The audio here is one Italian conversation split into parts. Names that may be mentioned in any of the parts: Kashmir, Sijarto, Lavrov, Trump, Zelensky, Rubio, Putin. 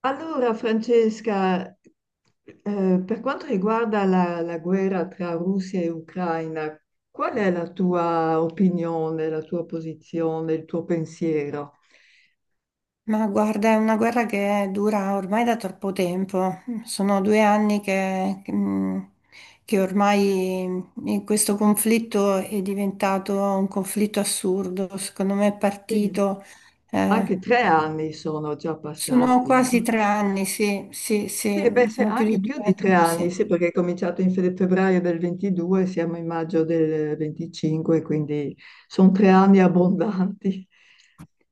Allora, Francesca, per quanto riguarda la guerra tra Russia e Ucraina, qual è la tua opinione, la tua posizione, il tuo pensiero? Ma guarda, è una guerra che dura ormai da troppo tempo. Sono due anni che ormai questo conflitto è diventato un conflitto assurdo. Secondo me è Sì. partito. eh, Anche tre anni sono già sono passati. quasi tre anni, sì, sì, Sì, sì, beh, sono più di anche più di due, tre anni, sì. sì, perché è cominciato in febbraio del 22, siamo in maggio del 25, quindi sono tre anni abbondanti.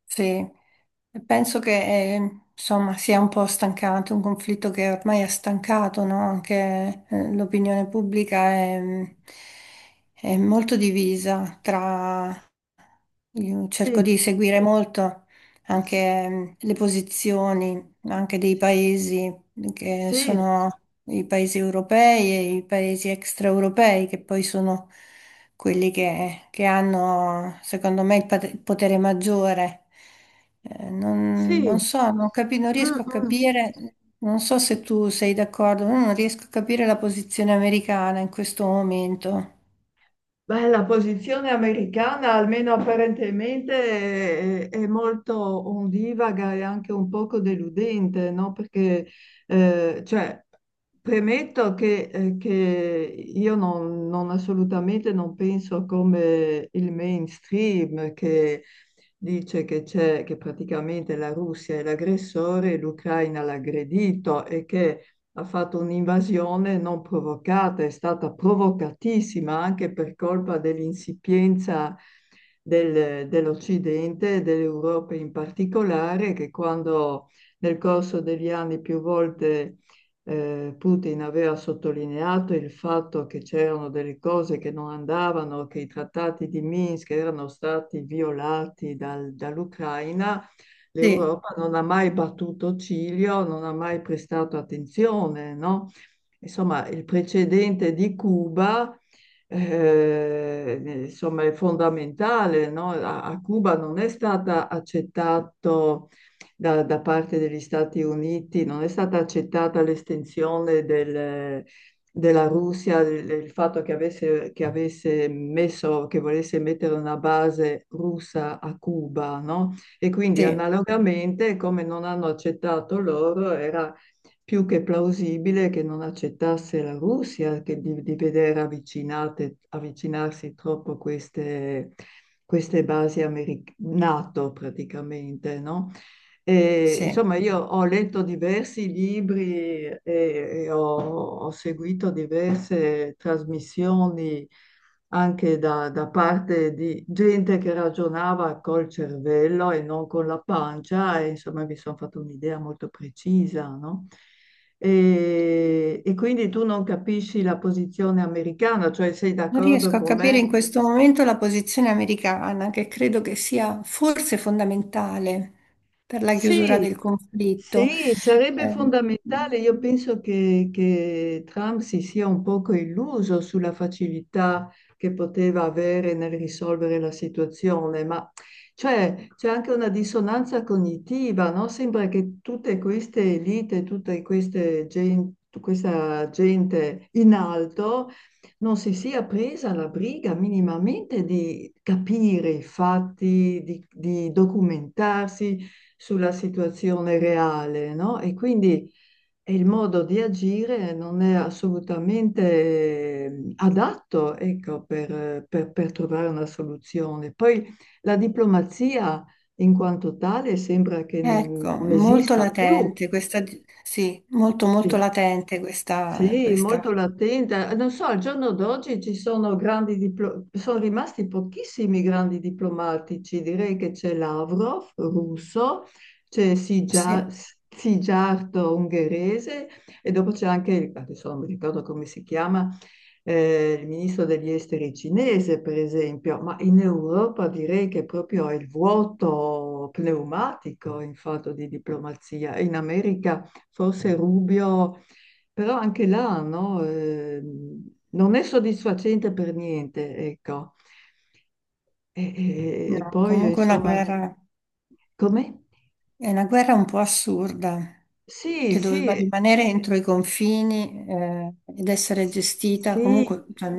Sì, e penso che insomma sia un po' stancato, un conflitto che ormai ha stancato, no? Anche l'opinione pubblica è è molto divisa. Tra... Io cerco Sì, di seguire molto anche le posizioni anche dei paesi che sì, sono i paesi europei e i paesi extraeuropei, che poi sono quelli che hanno, secondo me, il potere maggiore. Eh, non, sì. non so, non mm, riesco a mm. capire, non so se tu sei d'accordo, ma non riesco a capire la posizione americana in questo momento. Beh, la posizione americana, almeno apparentemente, è molto ondivaga e anche un poco deludente, no? Eh, cioè, premetto che io non assolutamente non penso come il mainstream che dice che che praticamente la Russia è l'aggressore e l'Ucraina l'aggredito e che ha fatto un'invasione non provocata, è stata provocatissima anche per colpa dell'insipienza dell'Occidente e dell'Europa in particolare, che quando nel corso degli anni più volte Putin aveva sottolineato il fatto che c'erano delle cose che non andavano, che i trattati di Minsk erano stati violati dall'Ucraina, Sì, l'Europa non ha mai battuto ciglio, non ha mai prestato attenzione, no? Insomma, il precedente di Cuba, insomma, è fondamentale, no? A Cuba non è stata accettato da parte degli Stati Uniti, non è stata accettata l'estensione del della Russia, il fatto che avesse messo, che volesse mettere una base russa a Cuba, no? E quindi sì, analogamente, come non hanno accettato loro, era più che plausibile che non accettasse la Russia, che di vedere avvicinarsi troppo queste basi NATO praticamente, no? E, sì. insomma, io ho letto diversi libri e ho seguito diverse trasmissioni anche da parte di gente che ragionava col cervello e non con la pancia, e insomma mi sono fatto un'idea molto precisa, no? E quindi tu non capisci la posizione americana, cioè sei Non d'accordo riesco a con capire me? in questo momento la posizione americana, che credo che sia forse fondamentale per la chiusura Sì, del conflitto. sì, sarebbe Ehm, fondamentale. Io penso che Trump si sia un poco illuso sulla facilità che poteva avere nel risolvere la situazione, ma cioè, c'è anche una dissonanza cognitiva, no? Sembra che tutte queste elite, questa gente in alto non si sia presa la briga minimamente di capire i fatti, di documentarsi sulla situazione reale, no? E quindi il modo di agire non è assolutamente adatto, ecco, per trovare una soluzione. Poi la diplomazia in quanto tale sembra che ecco, non molto esista più. latente questa, sì, molto molto Sì. latente questa, Sì, molto latente. Non so, al giorno d'oggi ci sono sono rimasti pochissimi grandi diplomatici. Direi che c'è Lavrov, russo, c'è Sigia- sì. Sijarto, ungherese, e dopo c'è anche, adesso non mi ricordo come si chiama, il ministro degli esteri cinese, per esempio. Ma in Europa direi che proprio è il vuoto pneumatico in fatto di diplomazia. In America forse Rubio però anche là, no, non è soddisfacente per niente, ecco. E, e- No, e poi, comunque insomma, come? è una guerra un po' assurda, Sì, che doveva sì, rimanere entro i confini, ed essere sì, gestita sì, comunque, cioè,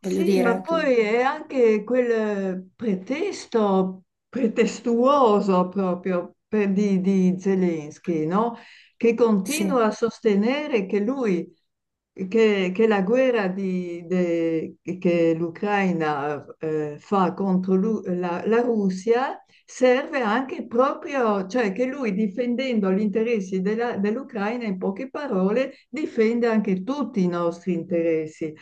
voglio ma dire, poi è anche quel pretesto pretestuoso di Zelensky, no? Che continua sì. a sostenere che lui, che la che l'Ucraina fa contro la Russia serve anche proprio, cioè che lui difendendo gli interessi dell'Ucraina, in poche parole, difende anche tutti i nostri interessi.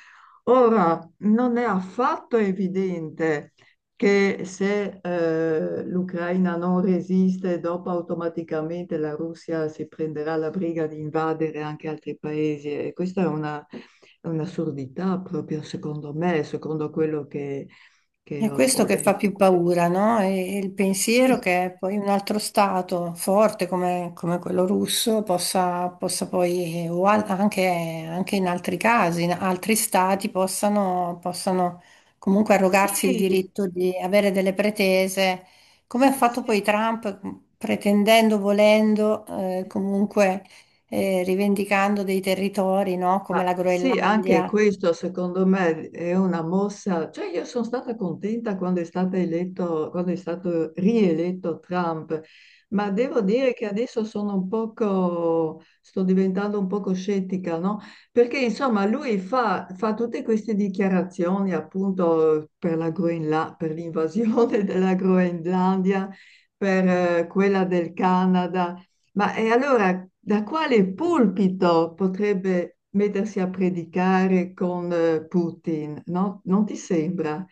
Ora, non è affatto evidente che se l'Ucraina non resiste, dopo automaticamente la Russia si prenderà la briga di invadere anche altri paesi. E questa è è un'assurdità proprio secondo me, secondo quello che È ho questo che letto. fa più paura, no? E il pensiero Sì, che poi un altro stato forte come quello russo possa poi, anche in altri casi, in altri stati possano comunque arrogarsi il sì, diritto di avere delle pretese, come S- ha fatto sì, poi Trump, pretendendo, volendo, comunque rivendicando dei territori, no? ma Come la sì, anche Groenlandia. questo secondo me è una mossa. Cioè, io sono stata contenta quando è stato eletto, quando è stato rieletto Trump, ma devo dire che adesso sono un poco, sto diventando un poco scettica, no? Perché insomma lui fa tutte queste dichiarazioni appunto per la per l'invasione della Groenlandia, per quella del Canada. Ma e allora da quale pulpito potrebbe mettersi a predicare con Putin? No? Non ti sembra?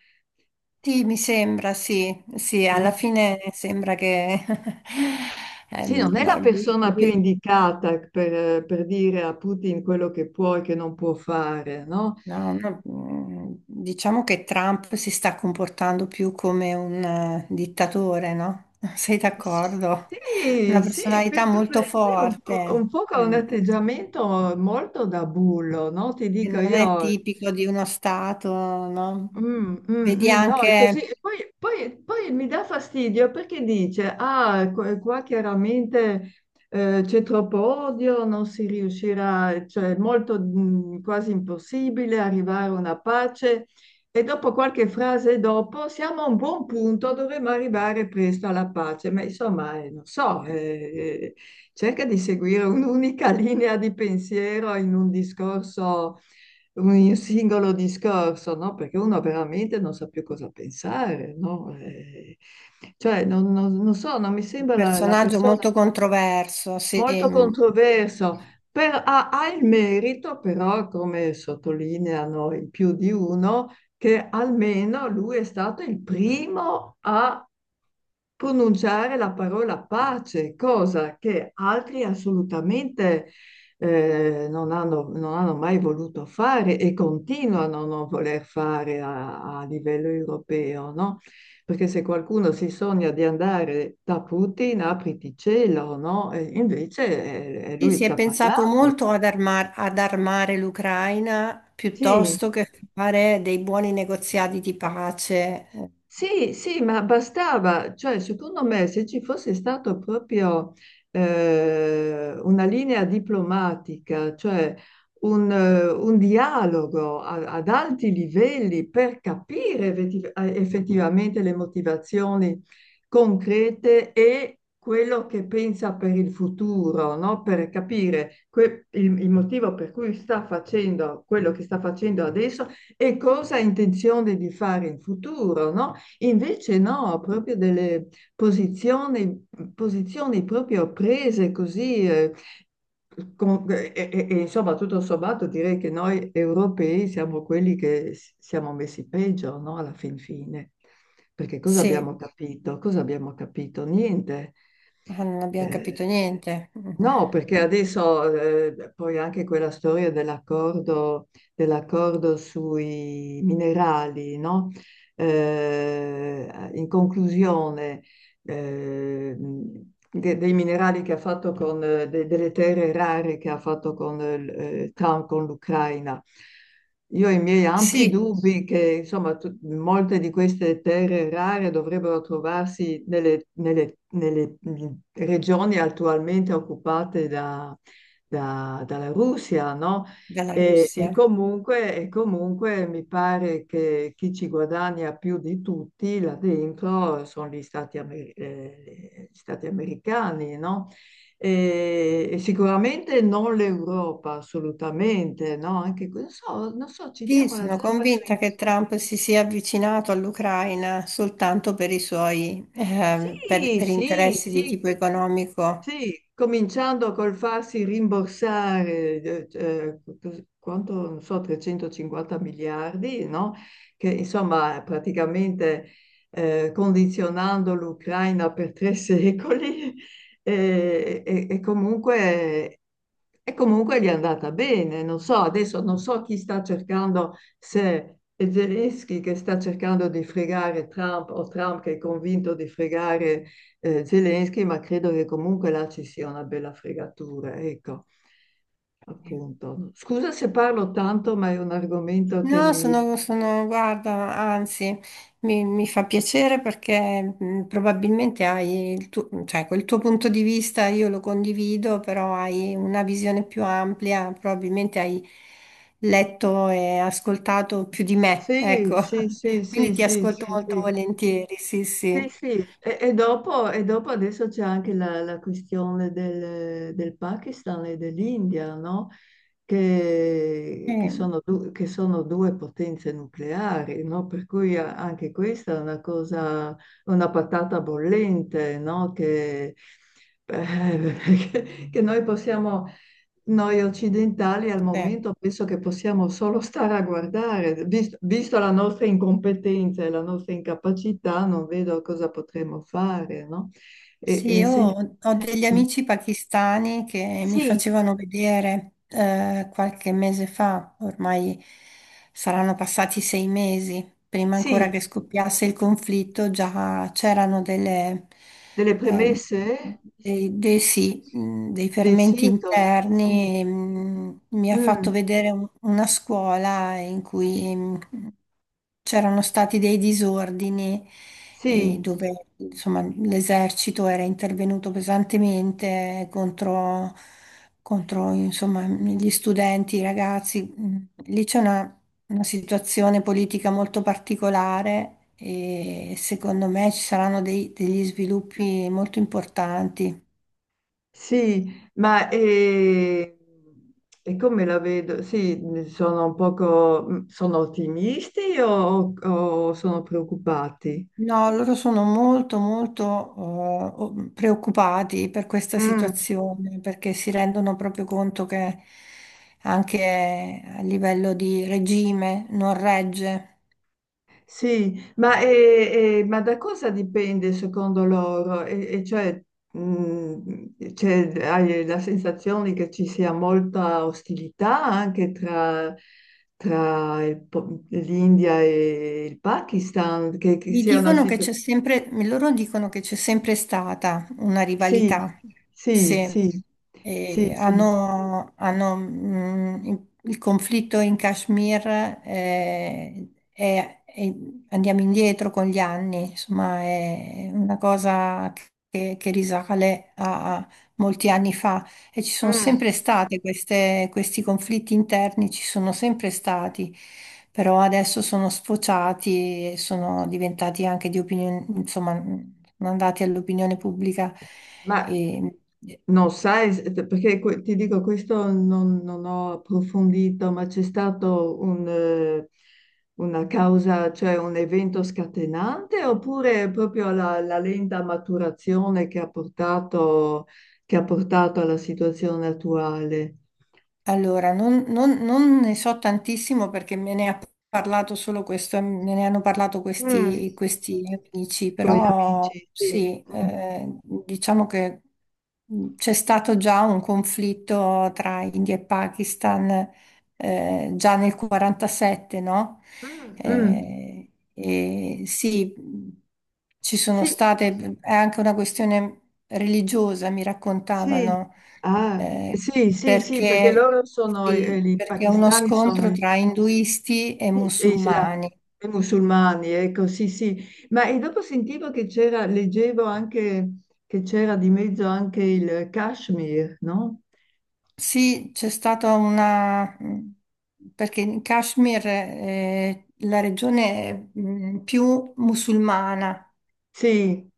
Sì, mi sembra, sì, sì, Mm. alla fine sembra che Sì, non è la ma persona più indicata per dire a Putin quello che può e che non può fare, no? no, no, diciamo che Trump si sta comportando più come un dittatore, no? Sei d'accordo? Sì, Una sì, personalità perché molto parece forte, un po' che ha un mm, atteggiamento molto da bullo, no? Ti che dico non è io, tipico di uno Stato, no? Vedi no, è così. anche E poi, poi mi dà fastidio perché dice, ah, qua qua chiaramente c'è troppo odio, non si riuscirà, cioè è molto quasi impossibile arrivare a una pace. E dopo qualche frase dopo, siamo a un buon punto, dovremmo arrivare presto alla pace. Ma insomma, non so, eh, cerca di seguire un'unica linea di pensiero in un discorso un singolo discorso, no? Perché uno veramente non sa più cosa pensare, no? Non so, non mi un sembra la personaggio persona molto controverso, sì. molto Mm. controverso, ha, ha il merito però, come sottolineano in più di uno, che almeno lui è stato il primo a pronunciare la parola pace, cosa che altri assolutamente non hanno, non hanno mai voluto fare e continuano a non voler fare a livello europeo, no? Perché se qualcuno si sogna di andare da Putin, apriti cielo, no? E invece Sì, lui si ci è ha pensato parlato. molto ad armare l'Ucraina Sì, piuttosto che fare dei buoni negoziati di pace. Sì, sì, ma bastava, cioè secondo me se ci fosse stato proprio una linea diplomatica, cioè un dialogo ad alti livelli per capire effettivamente le motivazioni concrete e quello che pensa per il futuro, no? Per capire il motivo per cui sta facendo quello che sta facendo adesso e cosa ha intenzione di fare in futuro, no? Invece no, proprio delle posizioni, posizioni proprio prese così, insomma tutto sommato direi che noi europei siamo quelli che siamo messi peggio, no? Alla fin fine. Perché cosa Sì, abbiamo capito? Cosa abbiamo capito? Niente. ma non abbiamo Eh, capito niente. No, perché adesso poi anche quella storia dell'accordo sui minerali, no? In conclusione eh, dei minerali che ha fatto con delle terre rare che ha fatto con Trump con l'Ucraina. Io ho i miei ampi Sì, dubbi che insomma, molte di queste terre rare dovrebbero trovarsi nelle regioni attualmente occupate dalla Russia, no? dalla Russia. E comunque mi pare che chi ci guadagna più di tutti là dentro sono gli gli Stati americani, no? E sicuramente non l'Europa, assolutamente, no? Anche, non so, non so, ci Sì, diamo la sono zappa sui... convinta che Trump si sia avvicinato all'Ucraina soltanto per i suoi, per Sì, per sì, interessi di sì, tipo economico. sì, cominciando col farsi rimborsare, quanto, non so, 350 miliardi, no? Che insomma praticamente condizionando l'Ucraina per tre secoli eh, e, e comunque, e comunque gli è andata bene. Non so, adesso non so chi sta cercando, se è Zelensky che sta cercando di fregare Trump o Trump che è convinto di fregare Zelensky, ma credo che comunque là ci sia una bella fregatura, ecco, appunto. Scusa se parlo tanto, ma è un argomento che No, mi... guarda, anzi, mi fa piacere perché probabilmente hai il tuo, cioè, quel tuo punto di vista, io lo condivido, però hai una visione più ampia, probabilmente hai letto e ascoltato più di me, Sì, ecco. sì, sì, sì, Quindi ti sì, ascolto sì, molto sì. volentieri, sì, Sì, sì. sì, e dopo adesso c'è anche la questione del Pakistan e dell'India, no? Eh, Che sono due potenze nucleari, no? Per cui anche questa è una cosa, una patata bollente, no? Eh, che noi possiamo, noi occidentali al eh. momento penso che possiamo solo stare a guardare, visto, la nostra incompetenza e la nostra incapacità, non vedo cosa potremmo fare, no? E, Sì, e io sen- ho degli Mm. amici pakistani che mi Sì, facevano vedere qualche mese fa, ormai saranno passati sei mesi, prima ancora sì, che scoppiasse il conflitto, già c'erano delle ehm, premesse, sì, dei dei fermenti sintomi, sì. interni. Mi ha Mm, fatto vedere una scuola in cui c'erano stati dei disordini e sì, dove insomma, l'esercito era intervenuto pesantemente contro, insomma, gli studenti, i ragazzi. Lì c'è una situazione politica molto particolare e secondo me ci saranno degli sviluppi molto importanti. sì, ma come la vedo? Sì, sono un poco, sono ottimisti o sono preoccupati? No, loro sono molto, molto preoccupati per questa Mm, situazione perché si rendono proprio conto che anche a livello di regime non regge. sì, ma da cosa dipende secondo loro? Mm, hai la sensazione che ci sia molta ostilità anche tra l'India e il Pakistan, che Mi sia una dicono che situazione... c'è sempre, loro dicono che c'è sempre stata una Sì, rivalità, sì, sì. sì, sì, E sì. hanno, il conflitto in Kashmir, eh, è- è- andiamo indietro con gli anni, insomma è una cosa che risale a molti anni fa. E ci sono Mm. sempre state questi conflitti interni, ci sono sempre stati, però adesso sono sfociati e sono diventati anche di opinione, insomma, sono andati all'opinione pubblica. Ma E, non sai, ti dico, questo non, non ho approfondito, ma c'è stato una causa, cioè un evento scatenante, oppure proprio la lenta maturazione che ha portato alla situazione attuale? Allora, non ne so tantissimo perché me ne ha parlato solo questo, me ne hanno parlato Mm, questi amici, tuoi però amici, sì. sì, Mm. Diciamo che c'è stato già un conflitto tra India e Pakistan già nel '47, no? mm, Mm, E sì, ci sono sì, state, è anche una questione religiosa, mi sì, raccontavano ah, eh, sì, sì, sì, perché perché, loro sono, sì, i perché è uno pakistani sono, scontro tra induisti e e isla- musulmani. e musulmani, ecco, sì, sì. Ma e dopo sentivo che c'era, leggevo anche che c'era di mezzo anche il Kashmir, no? Sì, c'è stata perché in Kashmir è la regione più musulmana Sì.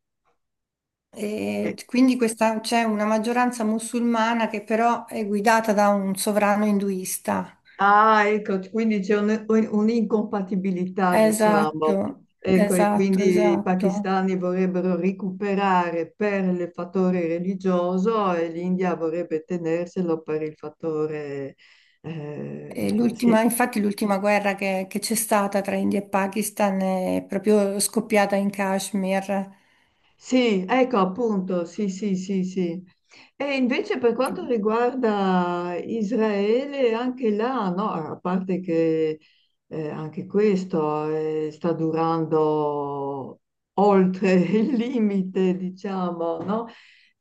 e Eh, quindi c'è una maggioranza musulmana che però è guidata da un sovrano induista. ah, ecco, quindi c'è un'incompatibilità, Esatto, diciamo. Ecco, e esatto, quindi i esatto. pakistani vorrebbero recuperare per il fattore religioso e l'India vorrebbe tenerselo per il fattore, E sì, infatti l'ultima guerra che c'è stata tra India e Pakistan è proprio scoppiata in Kashmir. sì, ecco appunto, sì, sì, sì, sì. E invece per quanto riguarda Israele, anche là, no, a parte che anche questo sta durando oltre il limite, diciamo, no?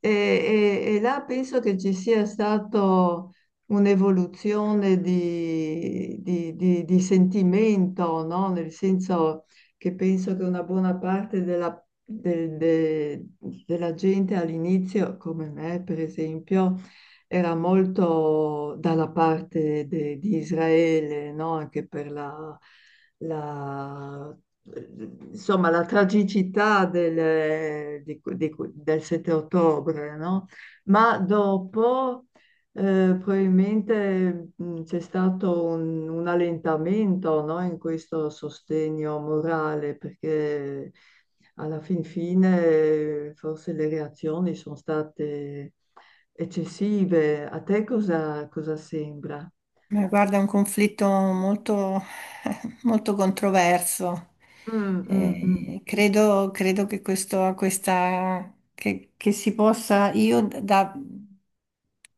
E là penso che ci sia stato un'evoluzione di sentimento, no? Nel senso che penso che una buona parte de- de- della gente all'inizio, come me per esempio, era molto dalla parte di Israele, no? Anche per la- insomma, la tragicità del 7 ottobre, no? Ma dopo... probabilmente c'è stato un allentamento, no, in questo sostegno morale, perché alla fin fine forse le reazioni sono state eccessive. A te cosa, cosa sembra? Ma guarda, è un conflitto molto, molto controverso. Mm, mm, mm. Credo che questa, che si possa, io da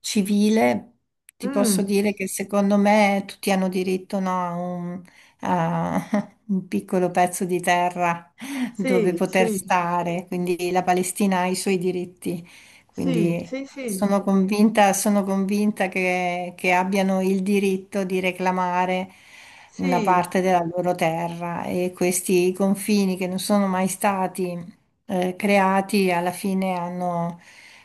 civile ti posso Mm. dire che secondo me tutti hanno diritto, no, a un, a un piccolo pezzo di terra dove Sì, poter sì, stare, quindi la Palestina ha i suoi diritti. sì, Quindi sì, sì, sono convinta che abbiano il diritto di reclamare una sì, parte della loro terra e questi confini che non sono mai stati creati alla fine hanno,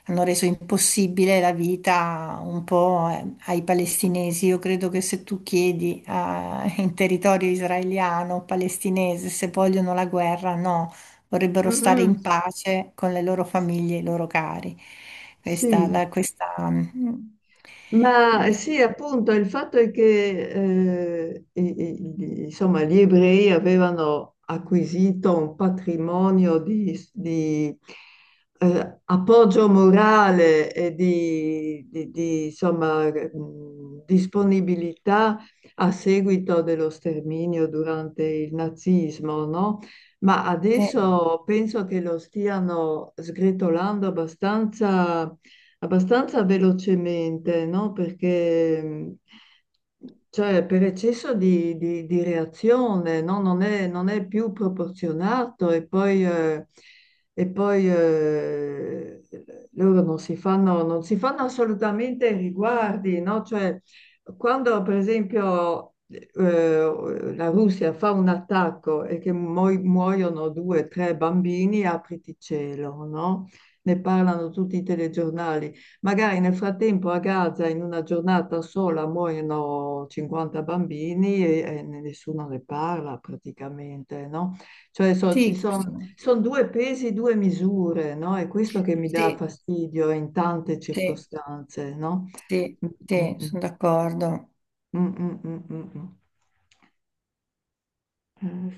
hanno reso impossibile la vita un po' ai palestinesi. Io credo che se tu chiedi in territorio israeliano o palestinese se vogliono la guerra, no, vorrebbero stare mhm, in pace con le loro famiglie e i loro cari. Questa, sì, la, questa, mm, ma sì, appunto, il fatto è che insomma, gli ebrei avevano acquisito un patrimonio appoggio morale e insomma, disponibilità a seguito dello sterminio durante il nazismo, no? Ma eh, adesso penso che lo stiano sgretolando abbastanza abbastanza velocemente, no? Perché cioè, per eccesso di reazione, no? Non è più proporzionato e poi, loro non si fanno, non si fanno assolutamente riguardi, no? Cioè, quando per esempio la Russia fa un attacco e che muoiono due o tre bambini, apriti cielo, no? Ne parlano tutti i telegiornali. Magari nel frattempo a Gaza in una giornata sola muoiono 50 bambini e nessuno ne parla praticamente, no? Cioè ci sì, sono questo, son due pesi, due misure, no? È questo che mi dà sì, fastidio in tante sì, circostanze, no? sì, Mm, sì, mm, sono d'accordo. mm, mm, mm, mm, mm. Eh,